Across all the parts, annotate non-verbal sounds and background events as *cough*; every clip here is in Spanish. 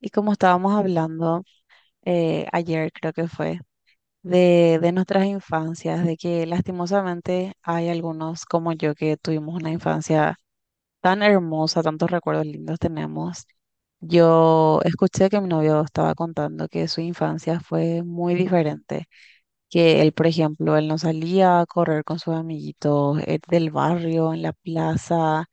Y como estábamos hablando ayer, creo que fue, de nuestras infancias, de que lastimosamente hay algunos como yo que tuvimos una infancia tan hermosa, tantos recuerdos lindos tenemos. Yo escuché que mi novio estaba contando que su infancia fue muy diferente, que él, por ejemplo, él no salía a correr con sus amiguitos del barrio, en la plaza,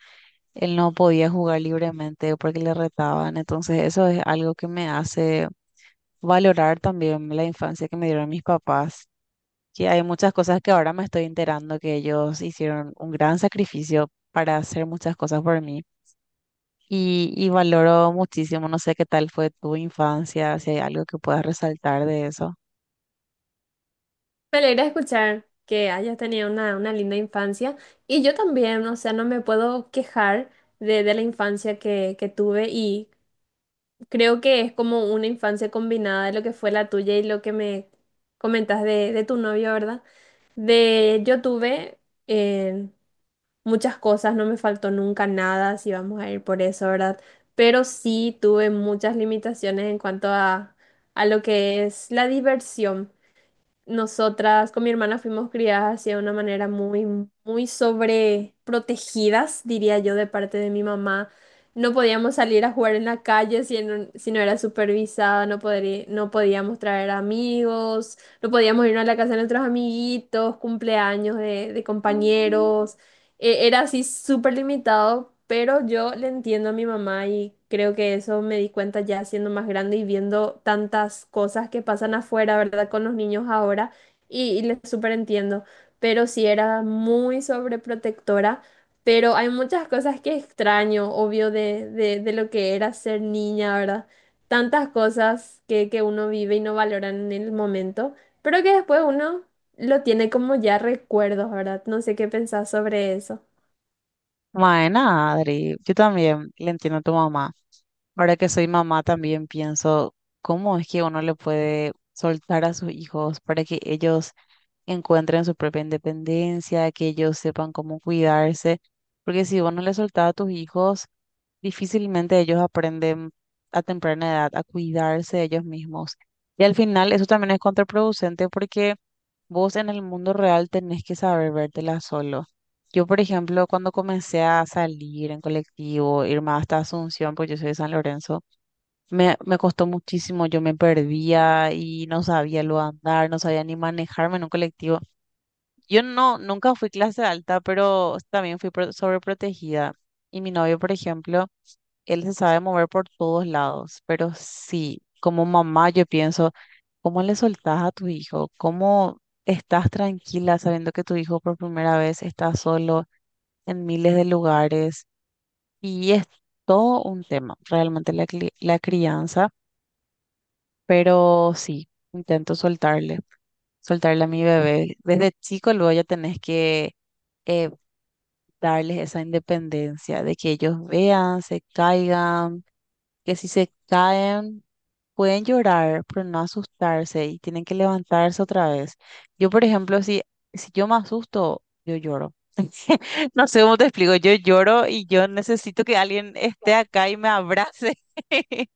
él no podía jugar libremente porque le retaban, entonces eso es algo que me hace valorar también la infancia que me dieron mis papás, que hay muchas cosas que ahora me estoy enterando que ellos hicieron un gran sacrificio para hacer muchas cosas por mí. Y valoro muchísimo, no sé qué tal fue tu infancia, si hay algo que puedas resaltar de eso. Me alegra escuchar que hayas tenido una linda infancia y yo también, o sea, no me puedo quejar de la infancia que tuve y creo que es como una infancia combinada de lo que fue la tuya y lo que me comentas de tu novio, ¿verdad? De yo tuve eh, muchas cosas, no me faltó nunca nada, si vamos a ir por eso, ¿verdad? Pero sí tuve muchas limitaciones en a lo que es la diversión. Nosotras con mi hermana fuimos criadas así de una manera muy sobreprotegidas, diría yo, de parte de mi mamá. No podíamos salir a jugar en la calle si no era supervisada, no podíamos traer amigos, no podíamos irnos a la casa de nuestros amiguitos, cumpleaños de Mm. compañeros, era así súper limitado, pero yo le entiendo a mi mamá y creo que eso me di cuenta ya siendo más grande y viendo tantas cosas que pasan afuera, ¿verdad? Con los niños ahora y le súper entiendo, pero sí era muy sobreprotectora. Pero hay muchas cosas que extraño, obvio, de lo que era ser niña, ¿verdad? Tantas cosas que uno vive y no valoran en el momento, pero que después uno lo tiene como ya recuerdos, ¿verdad? No sé qué pensás sobre eso. Bueno, Adri, yo también le entiendo a tu mamá. Ahora que soy mamá, también pienso cómo es que uno le puede soltar a sus hijos para que ellos encuentren su propia independencia, que ellos sepan cómo cuidarse, porque si vos no les soltás a tus hijos, difícilmente ellos aprenden a temprana edad a cuidarse ellos mismos. Y al final eso también es contraproducente porque vos en el mundo real tenés que saber vértela solo. Yo, por ejemplo, cuando comencé a salir en colectivo, irme hasta Asunción, porque yo soy de San Lorenzo, me costó muchísimo, yo me perdía y no sabía lo andar, no sabía ni manejarme en un colectivo. Yo no, nunca fui clase alta, pero también fui sobreprotegida. Y mi novio, por ejemplo, él se sabe mover por todos lados, pero sí, como mamá yo pienso, ¿cómo le soltás a tu hijo? ¿Cómo estás tranquila sabiendo que tu hijo por primera vez está solo en miles de lugares? Y es todo un tema, realmente la, la crianza, pero sí, intento soltarle, soltarle a mi bebé. Desde chico luego ya tenés que... eh, darles esa independencia, de que ellos vean, se caigan, que si se caen pueden llorar, pero no asustarse y tienen que levantarse otra vez. Yo, por ejemplo, si yo me asusto, yo lloro. *laughs* No sé cómo te explico, yo lloro y yo necesito que alguien esté acá y me abrace. *laughs*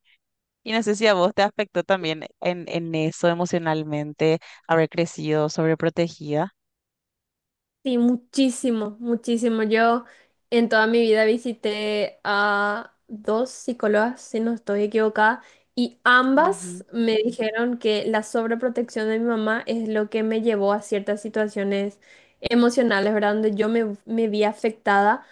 Y no sé si a vos te afectó también en eso emocionalmente, haber crecido sobreprotegida. Sí, muchísimo, muchísimo. Yo en toda mi vida visité a dos psicólogas, si no estoy equivocada, y Ujú. ambas me dijeron que la sobreprotección de mi mamá es lo que me llevó a ciertas situaciones emocionales, ¿verdad? Donde yo me vi afectada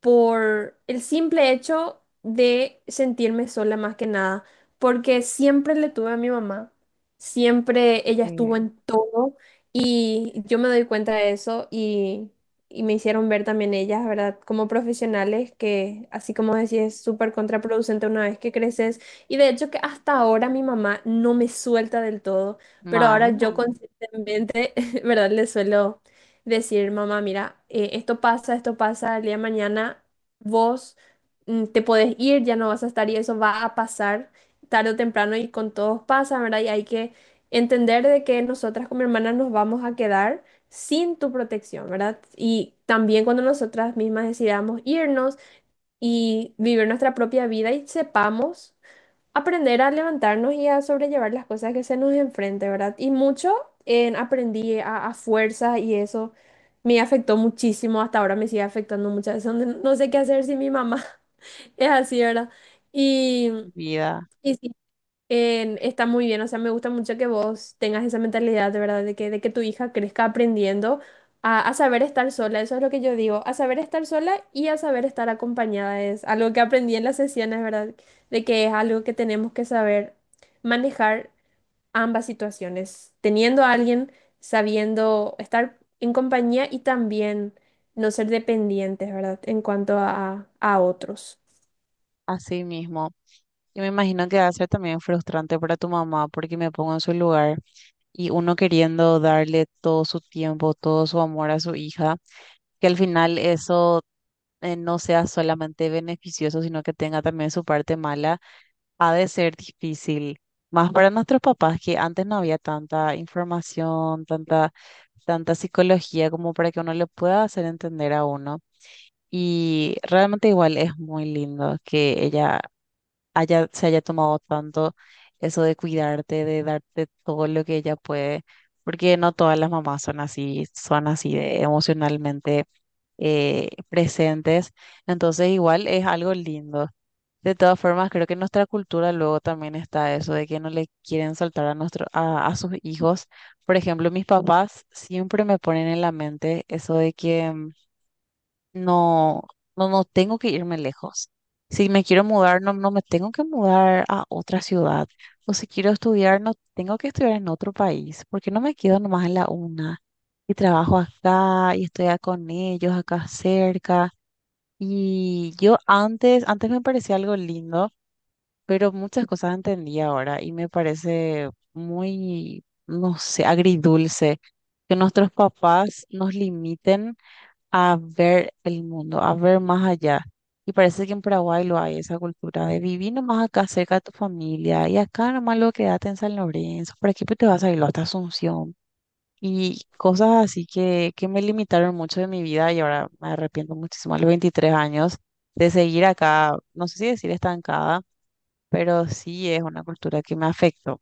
por el simple hecho de sentirme sola más que nada, porque siempre le tuve a mi mamá, siempre ella Sí. estuvo en todo y yo me doy cuenta de eso y me hicieron ver también ellas, ¿verdad? Como profesionales que, así como decía, es súper contraproducente una vez que creces y de hecho que hasta ahora mi mamá no me suelta del todo, pero ahora yo Bueno, conscientemente, *laughs* ¿verdad? Le suelo decir, mamá, mira, esto pasa, el día de mañana vos te podés ir, ya no vas a estar y eso va a pasar tarde o temprano y con todos pasa, ¿verdad? Y hay que entender de que nosotras como hermanas nos vamos a quedar sin tu protección, ¿verdad? Y también cuando nosotras mismas decidamos irnos y vivir nuestra propia vida y sepamos aprender a levantarnos y a sobrellevar las cosas que se nos enfrente, ¿verdad? Y mucho en aprendí a fuerza y eso me afectó muchísimo, hasta ahora me sigue afectando muchas veces, donde no sé qué hacer sin mi mamá, *laughs* es así, ¿verdad? Y, vida, y sí, en- está muy bien, o sea, me gusta mucho que vos tengas esa mentalidad, de verdad, de que tu hija crezca aprendiendo a saber estar sola, eso es lo que yo digo, a saber estar sola y a saber estar acompañada, es algo que aprendí en las sesiones, ¿verdad? De que es algo que tenemos que saber manejar ambas situaciones, teniendo a alguien, sabiendo estar en compañía y también no ser dependientes, ¿verdad? En cuanto a otros. así mismo. Yo me imagino que va a ser también frustrante para tu mamá porque me pongo en su lugar y uno queriendo darle todo su tiempo, todo su amor a su hija, que al final eso no sea solamente beneficioso, sino que tenga también su parte mala, ha de ser difícil. Más para nuestros papás que antes no había tanta información, tanta, tanta psicología como para que uno le pueda hacer entender a uno. Y realmente igual es muy lindo que ella se haya tomado tanto eso de cuidarte, de darte todo lo que ella puede, porque no todas las mamás son así de emocionalmente presentes, entonces igual es algo lindo. De todas formas, creo que en nuestra cultura luego también está eso de que no le quieren soltar a, nuestro, a sus hijos. Por ejemplo, mis papás siempre me ponen en la mente eso de que no, no tengo que irme lejos. Si me quiero mudar, no me tengo que mudar a otra ciudad. O si quiero estudiar, no tengo que estudiar en otro país. Porque no me quedo nomás en la una. Y trabajo acá y estoy con ellos acá cerca. Y yo antes me parecía algo lindo, pero muchas cosas entendí ahora y me parece muy, no sé, agridulce que nuestros papás nos limiten a ver el mundo, a ver más allá. Y parece que en Paraguay lo hay, esa cultura de vivir nomás acá cerca de tu familia y acá nomás lo quédate en San Lorenzo, por aquí pues te vas a ir hasta Asunción. Y cosas así que me limitaron mucho de mi vida y ahora me arrepiento muchísimo a los 23 años de seguir acá, no sé si decir estancada, pero sí es una cultura que me afectó.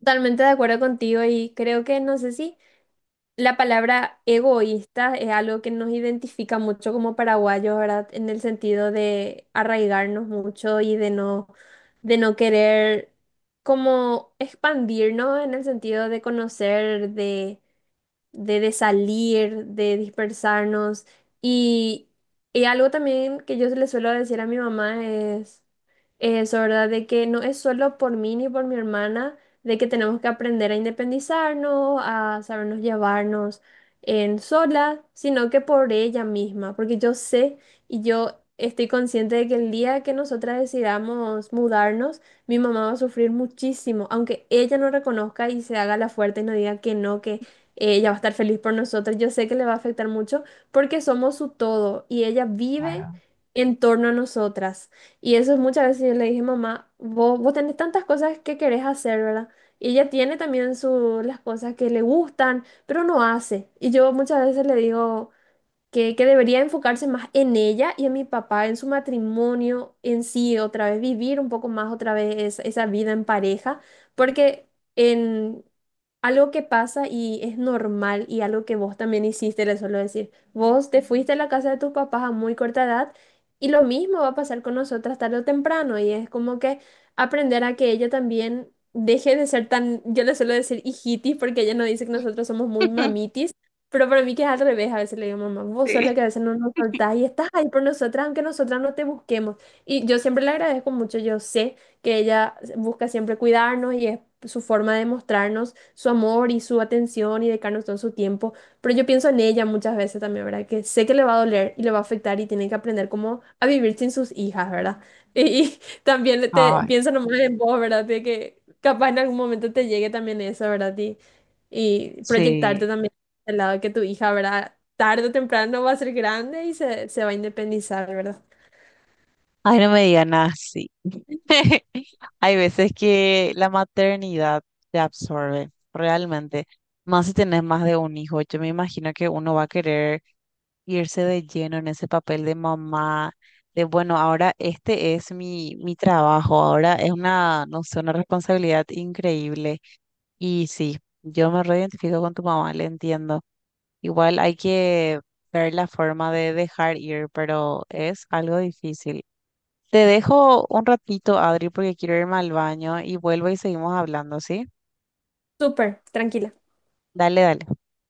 Totalmente de acuerdo contigo y creo que no sé si... La palabra egoísta es algo que nos identifica mucho como paraguayos, ¿verdad? En el sentido de arraigarnos mucho y de no querer como expandirnos en el sentido de conocer, de salir, de dispersarnos. Y, y algo también que yo le suelo decir a mi mamá es eso, ¿verdad? De que no es solo por mí ni por mi hermana, de que tenemos que aprender a independizarnos, a sabernos llevarnos en sola, sino que por ella misma, porque yo sé y yo estoy consciente de que el día que nosotras decidamos mudarnos, mi mamá va a sufrir muchísimo, aunque ella no reconozca y se haga la fuerte y no diga que no, que ella va a estar feliz por nosotros. Yo sé que le va a afectar mucho porque somos su todo y ella vive Claro. en torno a nosotras. Y eso es muchas veces yo le dije, mamá, vos tenés tantas cosas que querés hacer, ¿verdad? Y ella tiene también su, las cosas que le gustan, pero no hace. Y yo muchas veces le digo que debería enfocarse más en ella y en mi papá, en su matrimonio en sí, otra vez vivir un poco más otra vez esa vida en pareja, porque en algo que pasa y es normal y algo que vos también hiciste, le suelo decir, vos te fuiste a la casa de tus papás a muy corta edad y lo mismo va a pasar con nosotras tarde o temprano y es como que aprender a que ella también... Deje de ser tan, yo le suelo decir hijitis porque ella nos dice que nosotros somos muy *laughs* mamitis, pero para mí que es al revés, a veces le digo, mamá, vos sos Sí. la que a veces no nos soltás y estás ahí por nosotras, aunque nosotras no te busquemos. Y yo siempre le agradezco mucho, yo sé que ella busca siempre cuidarnos y es su forma de mostrarnos su amor y su atención y dedicarnos todo su tiempo. Pero yo pienso en ella muchas veces también, ¿verdad? Que sé que le va a doler y le va a afectar y tiene que aprender cómo a vivir sin sus hijas, ¿verdad? *laughs* Y, y también te, Ay, pienso nomás en vos, ¿verdad? De que capaz en algún momento te llegue también eso, ¿verdad? Y proyectarte sí. también. Del lado que tu hija, ¿verdad? Tarde o temprano va a ser grande y se va a independizar, ¿verdad? Ay, no me digan así. *laughs* Hay veces que la maternidad te absorbe, realmente. Más si tenés más de un hijo. Yo me imagino que uno va a querer irse de lleno en ese papel de mamá, de bueno, ahora este es mi, mi trabajo, ahora es una, no sé, una responsabilidad increíble. Y sí, yo me reidentifico con tu mamá, le entiendo. Igual hay que ver la forma de dejar ir, pero es algo difícil. Te dejo un ratito, Adri, porque quiero irme al baño y vuelvo y seguimos hablando, ¿sí? Súper, tranquila. Dale, dale.